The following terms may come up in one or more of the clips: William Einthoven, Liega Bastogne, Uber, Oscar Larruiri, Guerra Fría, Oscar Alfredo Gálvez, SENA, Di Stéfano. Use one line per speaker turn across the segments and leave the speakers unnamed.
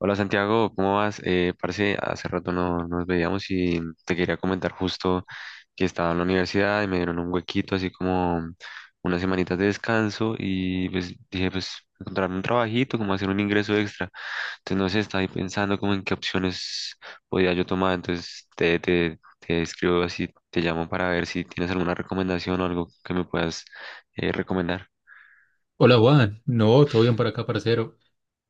Hola Santiago, ¿cómo vas? Parce, hace rato no nos veíamos y te quería comentar justo que estaba en la universidad y me dieron un huequito, así como unas semanitas de descanso y pues dije, pues encontrarme un trabajito, como hacer un ingreso extra. Entonces no sé, estaba ahí pensando como en qué opciones podía yo tomar, entonces te escribo así, te llamo para ver si tienes alguna recomendación o algo que me puedas recomendar.
Hola Juan, no, todo bien por acá, parcero.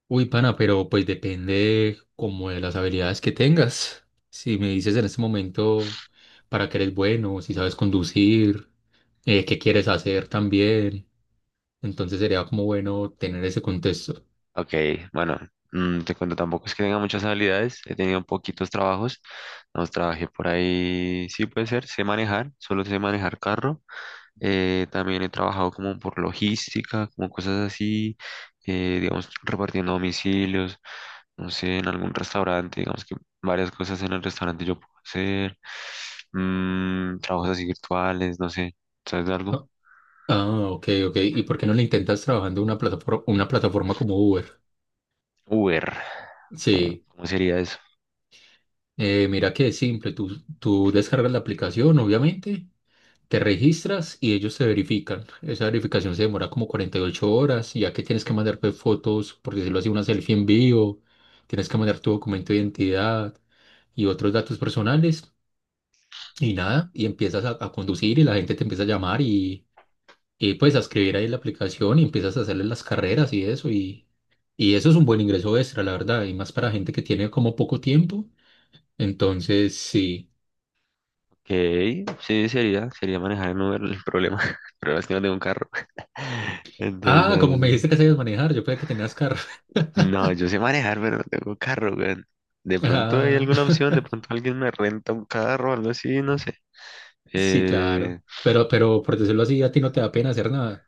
Uy, pana, pero pues depende como de las habilidades que tengas. Si me dices en este momento para qué eres bueno, si sabes conducir, qué quieres hacer también, entonces sería como bueno tener ese contexto.
Ok, bueno, te cuento, tampoco es que tenga muchas habilidades, he tenido poquitos trabajos, nos trabajé por ahí, sí puede ser, sé manejar, solo sé manejar carro, también he trabajado como por logística, como cosas así, digamos, repartiendo domicilios, no sé, en algún restaurante, digamos que varias cosas en el restaurante yo puedo hacer, trabajos así virtuales, no sé, ¿sabes de algo?
Ah, ok, ok. ¿Y por qué no le intentas trabajando una plataforma como Uber?
Uber,
Sí,
cómo sería eso?
mira que es simple, tú descargas la aplicación, obviamente. Te registras y ellos te verifican. Esa verificación se demora como 48 horas, y ya que tienes que mandar pues, fotos, por decirlo así, una selfie en vivo, tienes que mandar tu documento de identidad y otros datos personales y nada, y empiezas a conducir y la gente te empieza a llamar y pues a escribir ahí en la aplicación y empiezas a hacerle las carreras y eso es un buen ingreso extra, la verdad, y más para gente que tiene como poco tiempo. Entonces, sí.
Ok, sí, sería manejar en Uber el problema. El problema es que no tengo un carro. Entonces ya...
Ah, como me dijiste que sabías manejar, yo pensé que tenías carro.
No, yo sé manejar, pero no tengo carro, weón. De pronto hay
Ah,
alguna opción, de pronto alguien me renta un carro o algo así, no sé.
sí,
Eh,
claro. Pero por decirlo así, a ti no te da pena hacer nada.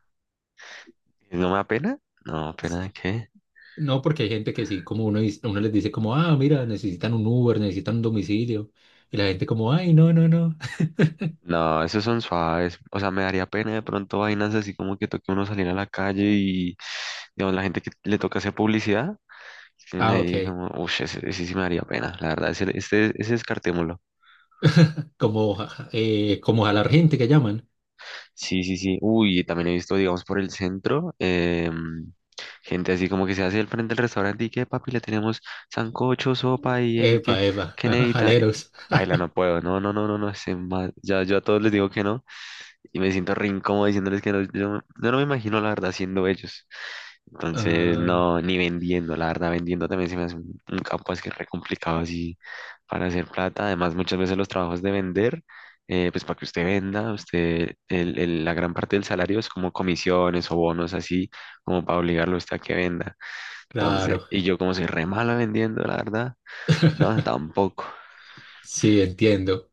¿No me da pena? No, ¿pena
S-
de qué?
No, porque hay gente que sí, como uno, dice- uno les dice como, ah, mira, necesitan un Uber, necesitan un domicilio. Y la gente como, ay, no, no, no.
No, esos son suaves. O sea, me daría pena de pronto vainas así como que toque uno salir a la calle y, digamos, la gente que le toca hacer publicidad, tienen
Ah, ok.
ahí como, uff, ese sí me daría pena, la verdad, ese descartémoslo.
Como, como jalar gente que llaman.
Sí, sí, sí. Uy, también he visto, digamos, por el centro, gente así como que se hace el frente del restaurante y que, papi, le tenemos sancocho, sopa y
Epa, epa,
que
ajá,
necesita.
jaleros.
Paila, no puedo. No, no, no, no, no. Ya, yo a todos les digo que no y me siento re incómodo diciéndoles que no, yo no me imagino la verdad siendo ellos. Entonces,
Ah,
no, ni vendiendo, la verdad, vendiendo también se me hace un campo es que re complicado así para hacer plata. Además, muchas veces los trabajos de vender, pues para que usted venda, usted, la gran parte del salario es como comisiones o bonos así, como para obligarlo a usted a que venda. Entonces,
claro.
y yo como soy re malo vendiendo, la verdad, no, tampoco.
Sí, entiendo.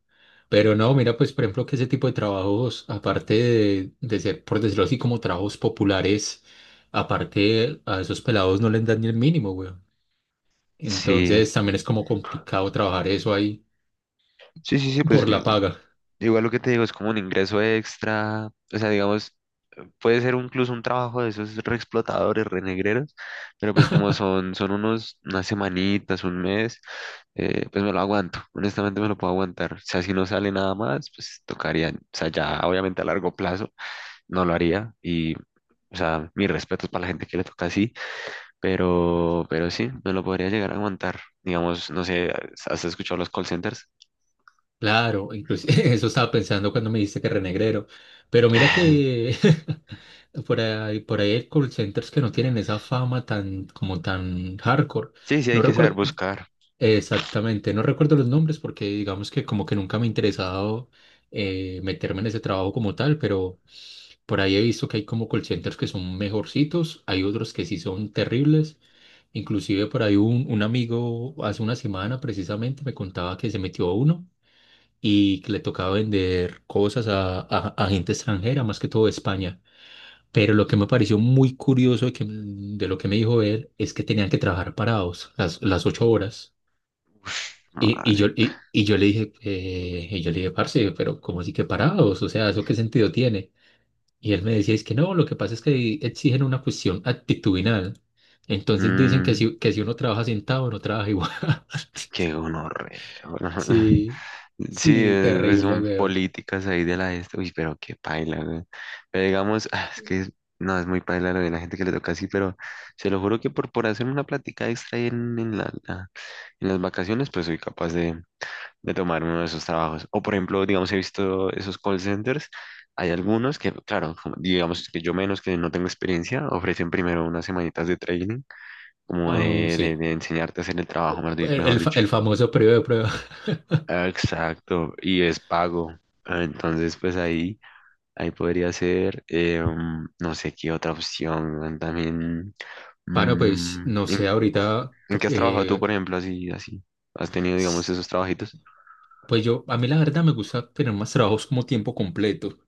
Pero no, mira, pues por ejemplo que ese tipo de trabajos, aparte de ser, por decirlo así, como trabajos populares, aparte a esos pelados no les dan ni el mínimo, güey.
Sí,
Entonces también es como complicado trabajar eso ahí
sí, sí, sí, pues
por la paga.
igual lo que te digo es como un ingreso extra, o sea, digamos, puede ser incluso un trabajo de esos reexplotadores, renegreros, pero pues como son, unas semanitas, un mes, pues me lo aguanto, honestamente me lo puedo aguantar. O sea, si no sale nada más, pues tocaría, o sea, ya obviamente a largo plazo no lo haría y, o sea, mis respetos para la gente que le toca así, pero sí, me lo podría llegar a aguantar. Digamos, no sé, ¿has escuchado los call centers?
Claro, incluso eso estaba pensando cuando me dijiste que renegrero. Pero mira que por ahí hay call centers que no tienen esa fama tan como tan hardcore.
Sí, sí, hay
No
que saber
recuerdo
buscar.
exactamente, no recuerdo los nombres porque digamos que como que nunca me ha interesado meterme en ese trabajo como tal, pero por ahí he visto que hay como call centers que son mejorcitos, hay otros que sí son terribles. Inclusive por ahí un amigo hace una semana precisamente me contaba que se metió a uno y que le tocaba vender cosas a, a gente extranjera, más que todo de España. Pero lo que me pareció muy curioso de, de lo que me dijo él es que tenían que trabajar parados las 8 horas.
Ush, marica.
Y yo le dije, y yo le dije, parce, pero ¿cómo así que parados? O sea, ¿eso qué sentido tiene? Y él me decía, es que no, lo que pasa es que ahí exigen una cuestión actitudinal. Entonces dicen
Mm,
que si uno trabaja sentado, no trabaja igual.
qué gonorrea.
Sí,
Sí,
sí,
pues
terrible,
son
weón.
políticas ahí de la esta. Uy, pero qué paila, güey. Pero digamos, no, es muy paila lo de la gente que le toca así, pero se lo juro que por hacer una plática extra ahí en, en las vacaciones, pues soy capaz de tomar uno de esos trabajos. O por ejemplo, digamos, he visto esos call centers. Hay algunos que, claro, como- digamos que yo menos que no tengo experiencia, ofrecen primero unas semanitas de training como
Ah,
de,
sí,
de enseñarte a hacer el trabajo, mejor dicho.
el famoso periodo de prueba.
Ah, exacto, y es pago. Ah, entonces, ahí podría ser, no sé qué otra opción, weón, también,
Bueno, pues
mm,
no
¿en,
sé, ahorita,
en qué has trabajado tú,
eh,
por ejemplo, así, así? ¿Has tenido, digamos,
s-
esos trabajitos?
pues yo, a mí la verdad me gusta tener más trabajos como tiempo completo.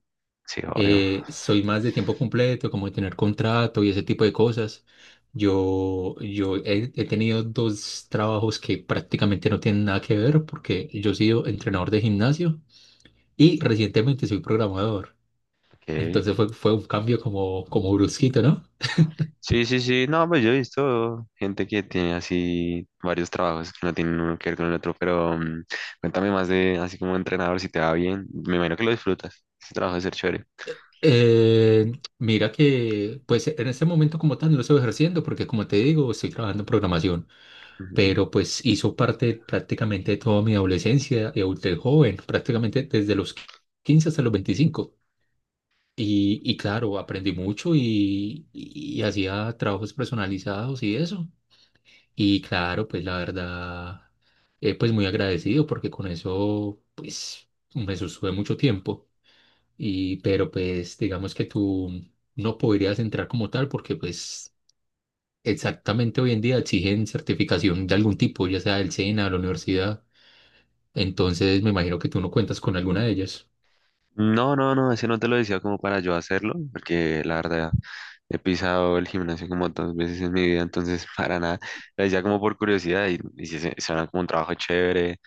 Sí, obvio.
Eh, soy más de tiempo completo, como de tener contrato y ese tipo de cosas. Yo he tenido dos trabajos que prácticamente no tienen nada que ver porque yo he sido entrenador de gimnasio y recientemente soy programador.
Ok.
Entonces fue, fue un cambio como, como brusquito, ¿no?
Sí, sí, sí, no, pues yo he visto gente que tiene así varios trabajos que no tienen uno que ver con el otro, pero cuéntame más de así como entrenador, si te va bien, me imagino que lo disfrutas, ese trabajo de ser chévere.
Eh, mira que, pues en este momento como tal no lo estoy ejerciendo porque como te digo, estoy trabajando en programación.
Ujú.
Pero pues hizo parte prácticamente de toda mi adolescencia y adultez joven, prácticamente desde los 15 hasta los 25. Y claro, aprendí mucho y hacía trabajos personalizados y eso. Y claro, pues la verdad, pues muy agradecido porque con eso, pues me sostuve mucho tiempo. Y, pero pues digamos que tú no podrías entrar como tal porque pues exactamente hoy en día exigen certificación de algún tipo, ya sea del SENA, de la universidad. Entonces, me imagino que tú no cuentas con alguna de ellas.
No, no, no, ese no te lo decía como para yo hacerlo, porque la verdad he pisado el gimnasio como dos veces en mi vida, entonces para nada, lo decía como por curiosidad y sí suena como un trabajo chévere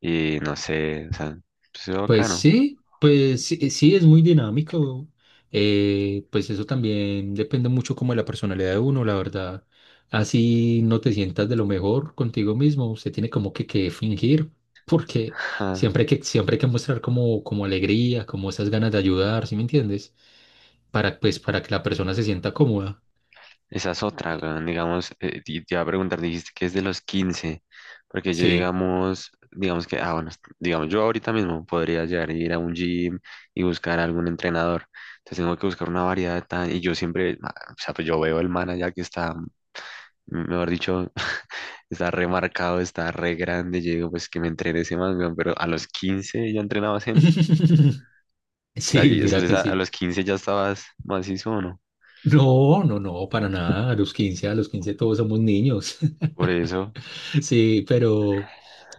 y no sé, o sea, pues es bacano.
Pues sí, sí, es muy dinámico. Pues eso también depende mucho como de la personalidad de uno, la verdad. Así no te sientas de lo mejor contigo mismo, usted tiene como que fingir, porque siempre hay que mostrar como, como alegría, como esas ganas de ayudar, ¿sí me entiendes? Para, pues, para que la persona se sienta cómoda.
Esa es otra, weón, digamos, y te iba a preguntar, dijiste que es de los 15 porque yo
Sí.
digamos, bueno, digamos, yo ahorita mismo podría llegar a ir a un gym y buscar algún entrenador, entonces tengo que buscar una variedad tan, y yo siempre, ah, o sea, pues yo veo el man allá que está, mejor dicho, está remarcado, está re grande, y yo digo, pues que me entrene ese man, weón, pero a los 15 ya entrenaba gente, o sea,
Sí, mira
entonces
que
a
sí.
los 15 ya estabas macizo, ¿o no?
No, no, no, para nada. A los 15 todos somos niños.
Por eso,
Sí,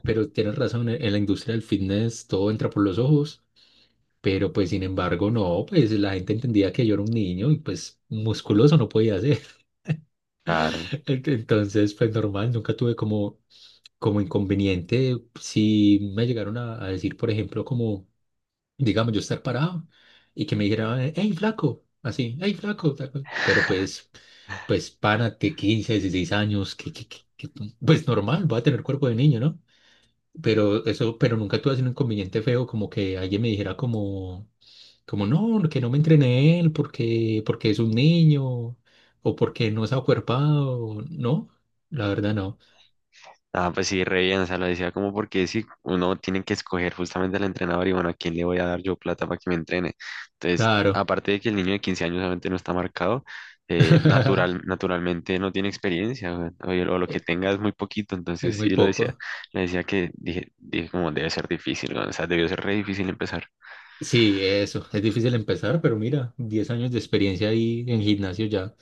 pero tienes razón, en la industria del fitness todo entra por los ojos, pero pues sin embargo no, pues la gente entendía que yo era un niño y pues musculoso no podía ser.
claro,
Entonces, pues normal, nunca tuve como, como inconveniente. Si me llegaron a decir, por ejemplo, como... digamos, yo estar parado y que me dijera, hey, flaco, así, hey, flaco, tal cual. Pero pues, pues, párate, 15 16 años, pues normal, va a tener cuerpo de niño, ¿no? Pero eso, pero nunca tuve así un inconveniente feo, como que alguien me dijera como, como, no, que no me entrené él porque, porque es un niño, o porque no se ha acuerpado, no, la verdad no,
ah, pues sí, re bien, o sea, lo decía como porque sí, uno tiene que escoger justamente al entrenador y bueno, ¿a quién le voy a dar yo plata para que me entrene? Entonces,
claro,
aparte de que el niño de 15 años obviamente no está marcado, naturalmente no tiene experiencia o, o lo que tenga es muy poquito, entonces
es
sí
muy
lo decía,
poco.
le decía que dije como debe ser difícil, ¿no? O sea, debió ser re difícil empezar.
Sí, eso. Es difícil empezar, pero mira, 10 años de experiencia ahí en gimnasio ya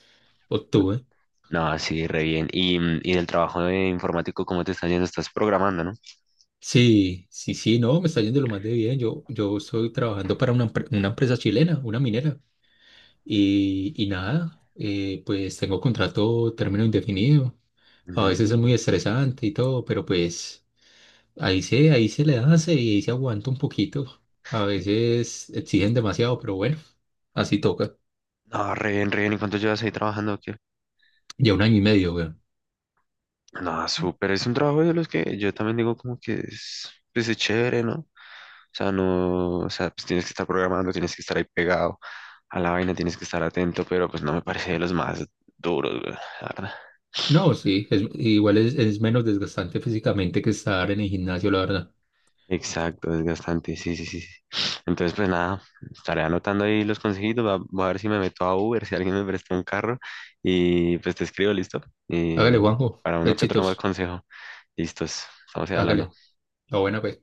obtuve.
No, sí, re bien. Y, y del trabajo de informático, ¿cómo te está yendo? Estás programando, ¿no?
Sí, sí, sí, no, me está yendo lo más de bien. Yo estoy trabajando para una, una empresa chilena, una minera. Y nada, pues tengo contrato término indefinido. A veces es muy
Mm.
estresante y todo, pero pues ahí se le hace y ahí se aguanta un poquito. A veces exigen demasiado, pero bueno, así toca.
No, re bien, re bien. ¿Y cuánto llevas ahí trabajando?
Ya 1 año y medio, weón.
No súper. Es un trabajo de los que yo también digo como que es, pues, es chévere, ¿no? O sea, no, o sea, pues tienes que estar programando, tienes que estar ahí pegado a la vaina, tienes que estar atento, pero pues no me parece de los más duros, güey, la verdad.
No, sí, es, igual es menos desgastante físicamente que estar en el gimnasio, la verdad.
Exacto, desgastante, sí, sí, sí. Sí. Entonces, pues nada, estaré anotando ahí los consejitos, voy a ver si me meto a Uber, si alguien me presta un carro y pues te escribo, listo. Y
Hágale, Juanjo,
para uno que otro más
éxitos,
consejo, listos, estamos ahí hablando.
hágale, la buena, pues.